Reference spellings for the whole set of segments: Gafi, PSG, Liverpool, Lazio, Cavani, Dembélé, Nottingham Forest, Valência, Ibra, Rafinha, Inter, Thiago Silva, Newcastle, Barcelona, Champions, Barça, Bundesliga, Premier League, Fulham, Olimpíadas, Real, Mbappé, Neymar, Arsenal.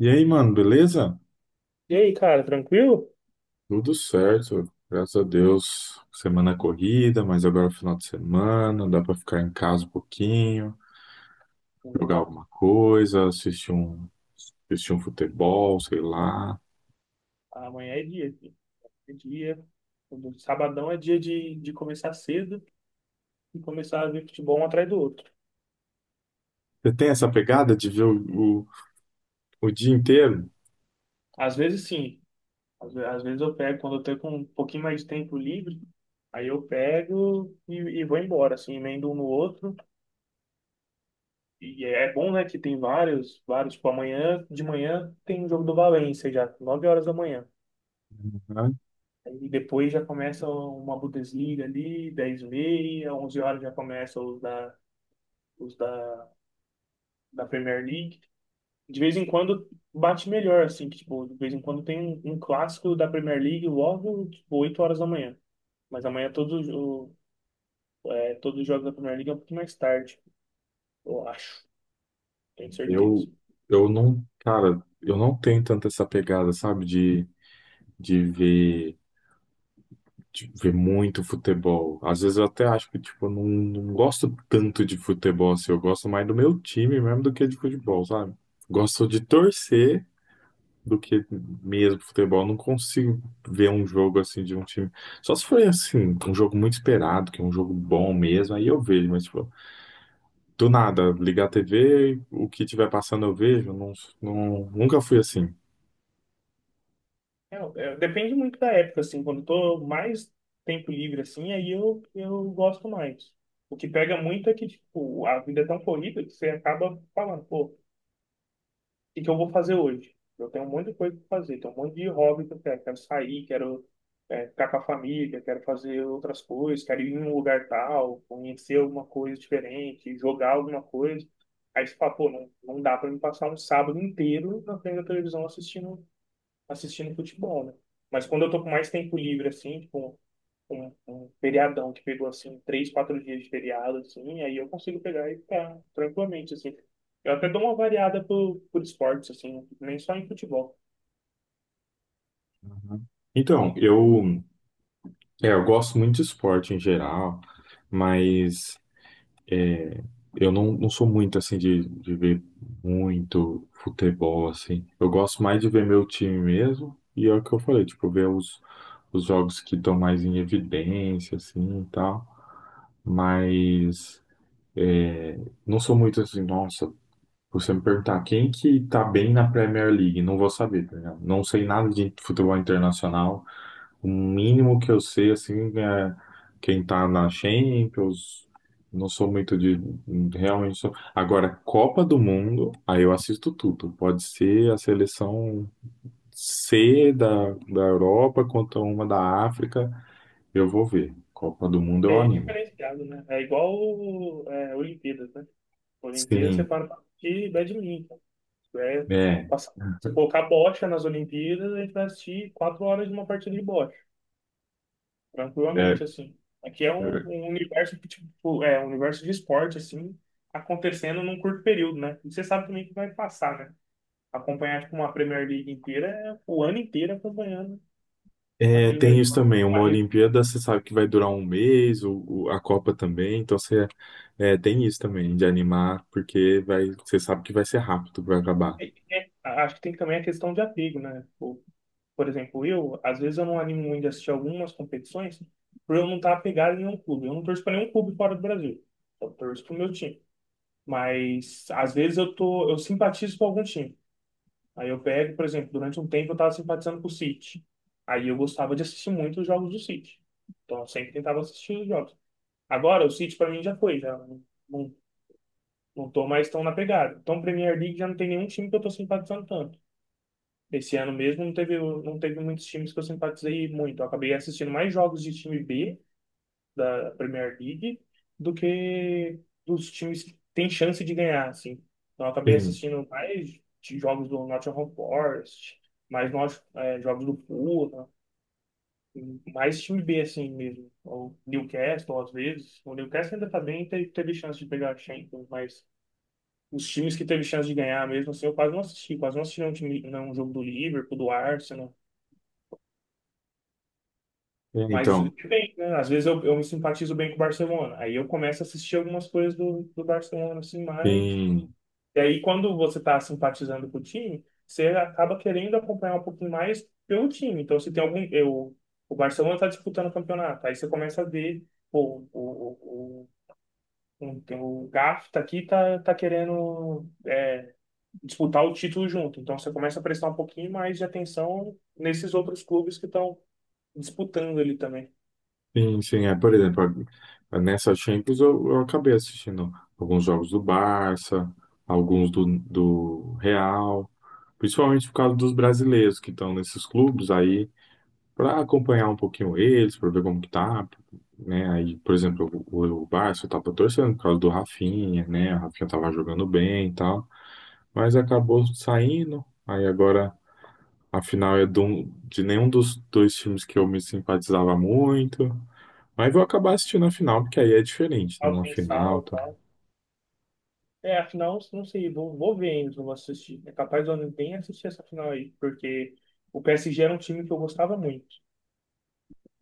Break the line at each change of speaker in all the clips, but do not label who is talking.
E aí, mano, beleza?
E aí, cara, tranquilo?
Tudo certo, graças a Deus. Semana corrida, mas agora é final de semana, dá pra ficar em casa um pouquinho, jogar
Boa.
alguma coisa, assistir um futebol, sei lá.
Amanhã é dia, filho. É dia. O Sabadão é dia de começar cedo e começar a ver futebol um atrás do outro.
Você tem essa pegada de ver o dia inteiro?
Às vezes, sim. Às vezes eu pego, quando eu tô com um pouquinho mais de tempo livre, aí eu pego e vou embora, assim, emendo um no outro. E é bom, né, que tem vários. Tipo, amanhã, de manhã, tem um jogo do Valência já, 9 horas da manhã.
Uhum.
E depois já começa uma Bundesliga ali, 10 e meia, 11 horas já começa os da da Premier League, de vez em quando bate melhor, assim, que, tipo, de vez em quando tem um clássico da Premier League logo, tipo, 8 horas da manhã. Mas amanhã todos os jogos da Premier League é um pouquinho mais tarde, eu acho, tenho
Eu,
certeza.
eu não, cara, eu não tenho tanto essa pegada, sabe, de ver. de ver muito futebol. Às vezes eu até acho que, tipo, eu não gosto tanto de futebol, assim. Eu gosto mais do meu time mesmo do que de futebol, sabe? Gosto de torcer do que mesmo futebol. Não consigo ver um jogo, assim, de um time. Só se for, assim, um jogo muito esperado, que é um jogo bom mesmo, aí eu vejo. Mas, tipo, do nada, ligar a TV, o que tiver passando eu vejo. Não, não, nunca fui assim.
Depende muito da época, assim, quando eu tô mais tempo livre, assim, aí eu gosto mais. O que pega muito é que, tipo, a vida é tão corrida que você acaba falando, pô, que eu vou fazer hoje? Eu tenho um monte de coisa para fazer, tenho um monte de hobby que eu quero. Quero sair, quero ficar com a família, quero fazer outras coisas, quero ir em um lugar tal, conhecer alguma coisa diferente, jogar alguma coisa. Aí você fala, pô, não, não dá para me passar um sábado inteiro na frente da televisão assistindo futebol, né? Mas quando eu tô com mais tempo livre, assim, tipo, um feriadão que pegou assim três, quatro dias de feriado, assim, aí eu consigo pegar e ficar tranquilamente, assim. Eu até dou uma variada por esportes, assim, nem só em futebol.
Uhum. Então, eu gosto muito de esporte em geral, mas... Eu não sou muito assim de ver muito futebol assim. Eu gosto mais de ver meu time mesmo, e é o que eu falei, tipo, ver os jogos que estão mais em evidência, assim e tal. Mas é, não sou muito assim, nossa, você me perguntar quem que tá bem na Premier League, não vou saber, tá ligado? Não sei nada de futebol internacional. O mínimo que eu sei, assim, é quem tá na Champions. Não sou muito de. Realmente sou. Agora, Copa do Mundo, aí eu assisto tudo. Pode ser a seleção C da Europa contra uma da África, eu vou ver. Copa do Mundo eu
É
animo.
diferenciado, né? É igual Olimpíadas, né? Olimpíadas você
Sim,
para pra assistir badminton. É,
é,
passar- Se colocar bocha nas Olimpíadas, a gente vai assistir quatro horas de uma partida de bocha.
é.
Tranquilamente, assim. Aqui é um,
é.
um universo que, tipo, é um universo de esporte, assim, acontecendo num curto período, né? E você sabe também que vai passar, né? Acompanhar, tipo, uma Premier League inteira é o ano inteiro acompanhando
É,
aquele
tem isso
negócio.
também.
Uma
Uma
re-
Olimpíada, você sabe que vai durar um mês, a Copa também. Então, você. É, tem isso também de animar, porque vai, você sabe que vai ser rápido para acabar.
é- é- Acho que tem também a questão de apego, né? Tipo, por exemplo, eu, às vezes eu não animo muito de assistir algumas competições por eu não estar apegado em nenhum clube. Eu não torço para nenhum clube fora do Brasil. Eu torço pro meu time. Mas, às vezes, eu tô, eu simpatizo com algum time. Aí eu pego, por exemplo, durante um tempo eu estava simpatizando com o City. Aí eu gostava de assistir muito os jogos do City. Então eu sempre tentava assistir os jogos. Agora o City para mim já foi, já não, não não tô mais tão na pegada. Então Premier League já não tem nenhum time que eu tô simpatizando tanto. Esse ano mesmo não teve muitos times que eu simpatizei muito. Eu acabei assistindo mais jogos de time B da Premier League do que dos times que tem chance de ganhar, assim. Então, eu acabei
Sim,
assistindo mais de jogos do Nottingham Forest, mais nós, é, jogos do Fulham, mais time B, assim mesmo. O Newcastle, às vezes. O Newcastle ainda tá bem, teve chance de pegar a Champions, mas os times que teve chance de ganhar mesmo, assim, eu quase não assisti. Quase não assisti um time, não, um jogo do Liverpool, do Arsenal.
é,
Mas
então,
bem, né? Às vezes eu me simpatizo bem com o Barcelona. Aí eu começo a assistir algumas coisas do Barcelona, assim, mais.
sim,
E aí, quando você tá simpatizando com o time, você acaba querendo acompanhar um pouquinho mais pelo time. Então, se tem algum. Eu, o Barcelona tá disputando o campeonato. Aí você começa a ver, pô, o tem o Gafi tá aqui, tá querendo é, disputar o título junto. Então, você começa a prestar um pouquinho mais de atenção nesses outros clubes que estão disputando ali também.
sim. É, por exemplo, a- nessa Champions eu acabei assistindo alguns jogos do Barça, alguns do Real, principalmente por causa dos brasileiros que estão nesses clubes. Aí para acompanhar um pouquinho eles, para ver como que tá, né? Aí, por exemplo, o Barça eu tava torcendo por causa do Rafinha, né? O Rafinha tava jogando bem e tal, mas acabou saindo. Aí agora a final é de, um- de nenhum dos dois times que eu me simpatizava muito. Mas vou acabar assistindo a final, porque aí é diferente, né?
Ao
Uma
pensar
final,
e
tá?
tal. É, a final, não sei, vou ver ainda, não vou assistir. É capaz de eu nem assistir essa final aí, porque o PSG era um time que eu gostava muito.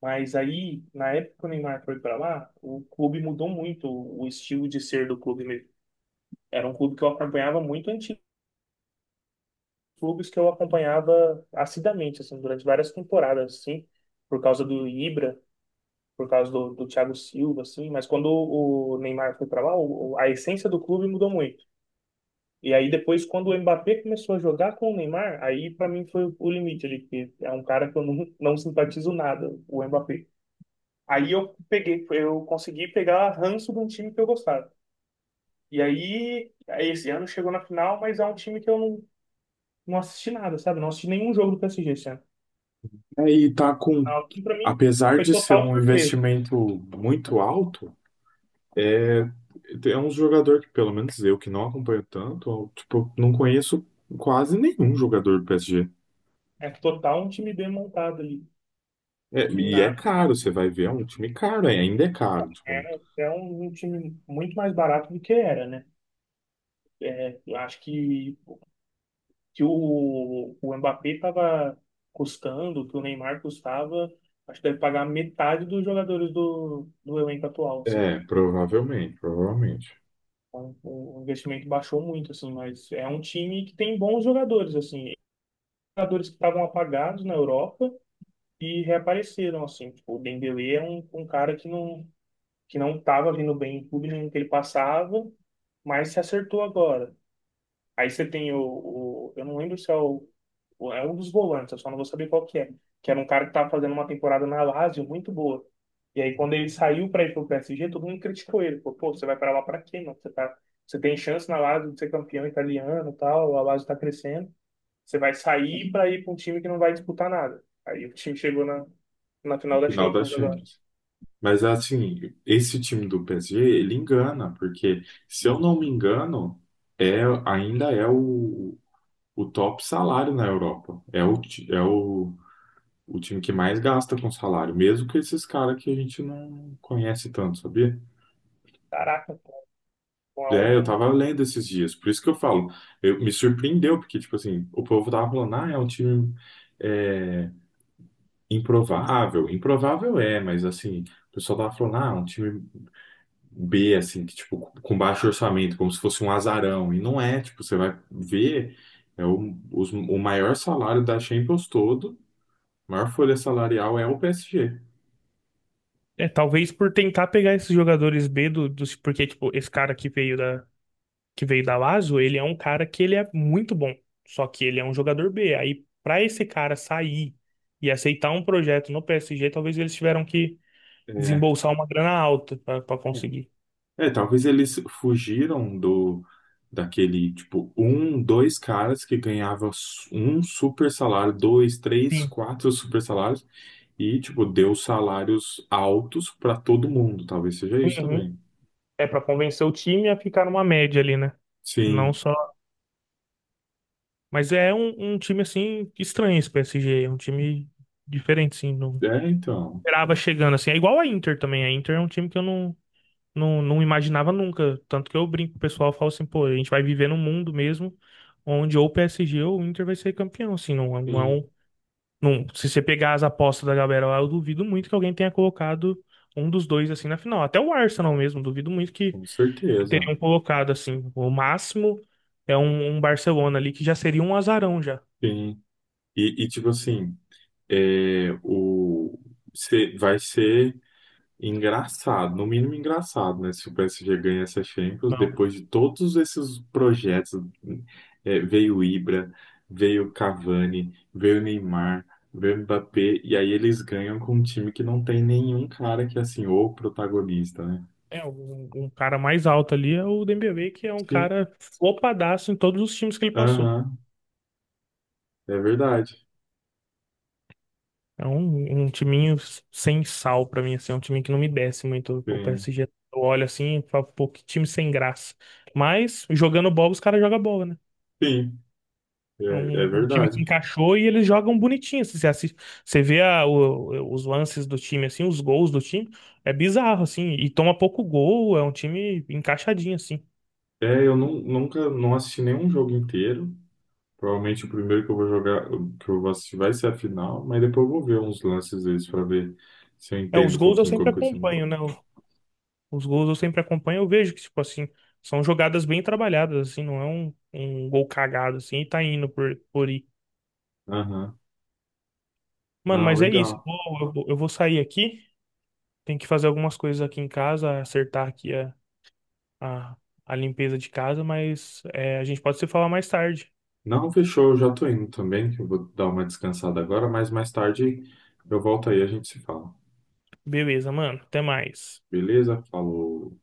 Mas aí, na época que o Neymar foi pra lá, o clube mudou muito, o estilo de ser do clube mesmo. Era um clube que eu acompanhava muito antigo, clubes que eu acompanhava assiduamente, assim, durante várias temporadas, assim, por causa do Ibra, por causa do Thiago Silva, assim. Mas quando o Neymar foi pra lá, a essência do clube mudou muito. E aí depois, quando o Mbappé começou a jogar com o Neymar, aí pra mim foi o limite ali, que é um cara que eu não simpatizo nada, o Mbappé. Aí eu peguei, eu consegui pegar ranço de um time que eu gostava. E aí, esse ano chegou na final, mas é um time que eu não assisti nada, sabe? Não assisti nenhum jogo do PSG esse ano.
Aí tá com,
Ah, e pra mim,
apesar
foi
de ser
total
um
surpresa.
investimento muito alto, é é um jogador que, pelo menos eu que não acompanho tanto, eu, tipo, não conheço quase nenhum jogador do PSG.
É total um time bem montado ali.
É,
Tem
e é
nada.
caro, você vai ver, é um time caro, é, ainda é caro. Tipo,
É, é um time muito mais barato do que era, né? É, eu acho que o Mbappé estava custando, que o Neymar custava, acho que deve pagar metade dos jogadores do elenco atual, assim.
é, provavelmente.
Então, o investimento baixou muito, assim, mas é um time que tem bons jogadores, assim, jogadores que estavam apagados na Europa e reapareceram, assim. Tipo, o Dembélé é um cara que não estava vindo bem em clube nenhum que ele passava, mas se acertou agora. Aí você tem eu não lembro se é é um dos volantes, eu só não vou saber qual que é, que era um cara que tava fazendo uma temporada na Lazio muito boa. E aí quando ele saiu para ir pro PSG, todo mundo criticou ele, pô, você vai para lá para quê, mano? Você tá, você tem chance na Lazio de ser campeão italiano, e tal, a Lazio tá crescendo, você vai sair para ir para um time que não vai disputar nada. Aí o time chegou na
Na
final da
final da
Champions agora.
Champions. Mas assim, esse time do PSG, ele engana, porque se eu não me engano, é, ainda é o top salário na Europa. É ti- é o time que mais gasta com salário, mesmo que esses caras que a gente não conhece tanto, sabia?
Caraca, pô, é
É, eu
um.
tava lendo esses dias, por isso que eu falo, eu, me surpreendeu, porque, tipo assim, o povo tava falando, ah, é um time é, improvável. Improvável é, mas assim, o pessoal tava falando, ah, é um time B, assim, que, tipo, com baixo orçamento, como se fosse um azarão. E não é, tipo, você vai ver, é os- o maior salário da Champions todo, a maior folha salarial é o PSG.
É, talvez por tentar pegar esses jogadores B porque, tipo, esse cara que veio da Lazio, ele é um cara que ele é muito bom, só que ele é um jogador B. Aí, pra esse cara sair e aceitar um projeto no PSG, talvez eles tiveram que
É,
desembolsar uma grana alta pra
é.
conseguir.
É, talvez eles fugiram do daquele tipo um, dois caras que ganhavam su- um super salário, dois, três,
Sim.
quatro super salários e tipo deu salários altos para todo mundo. Talvez seja isso
Uhum.
também.
É pra convencer o time a ficar numa média ali, né? E não
Sim,
só. Mas é um time assim estranho esse PSG, é um time diferente, assim, não
é então,
esperava chegando assim. É igual a Inter também. A Inter é um time que eu não, não não imaginava nunca. Tanto que eu brinco, o pessoal fala assim, pô, a gente vai viver num mundo mesmo onde ou o PSG ou o Inter vai ser campeão. Assim, não, não é
sim,
um. Não, se você pegar as apostas da galera lá, eu duvido muito que alguém tenha colocado um dos dois assim na final. Até o Arsenal mesmo, duvido muito
com
que
certeza,
teriam colocado assim. O máximo é um Barcelona ali que já seria um azarão já.
sim. E tipo assim. É, o, se- vai ser engraçado, no mínimo engraçado, né? Se o PSG ganha essa Champions,
Não.
depois de todos esses projetos, é, veio o Ibra, veio o Cavani, veio o Neymar, veio o Mbappé, e aí eles ganham com um time que não tem nenhum cara que é assim, ou protagonista, né?
É, um cara mais alto ali é o Dembélé, que é um
Sim,
cara flopadaço em todos os times que ele passou.
aham, é verdade.
É um timinho sem sal pra mim, assim, é um time que não me desce muito. O
Sim,
PSG, eu olho assim e falo, pô, que time sem graça. Mas jogando bola, os caras jogam bola, né?
sim, é,
É
é
um time que
verdade.
encaixou e eles jogam bonitinho. Assim, você assiste, você vê os lances do time, assim, os gols do time, é bizarro, assim, e toma pouco gol, é um time encaixadinho, assim.
É, eu não, nunca não assisti nenhum jogo inteiro. Provavelmente o primeiro que eu vou jogar, que eu vou assistir vai ser a final, mas depois eu vou ver uns lances deles pra ver se eu
É, os
entendo um
gols eu
pouquinho
sempre
como que isso.
acompanho, né? Os gols eu sempre acompanho, eu vejo que, tipo assim, são jogadas bem trabalhadas, assim, não é um gol cagado, assim, e tá indo por ir.
Aham.
Mano,
Não,
mas é isso.
legal.
Eu vou sair aqui. Tem que fazer algumas coisas aqui em casa, acertar aqui a, a limpeza de casa, mas é, a gente pode se falar mais tarde.
Não, fechou, eu já tô indo também, que eu vou dar uma descansada agora, mas mais tarde eu volto aí, a gente se fala.
Beleza, mano. Até mais.
Beleza? Falou.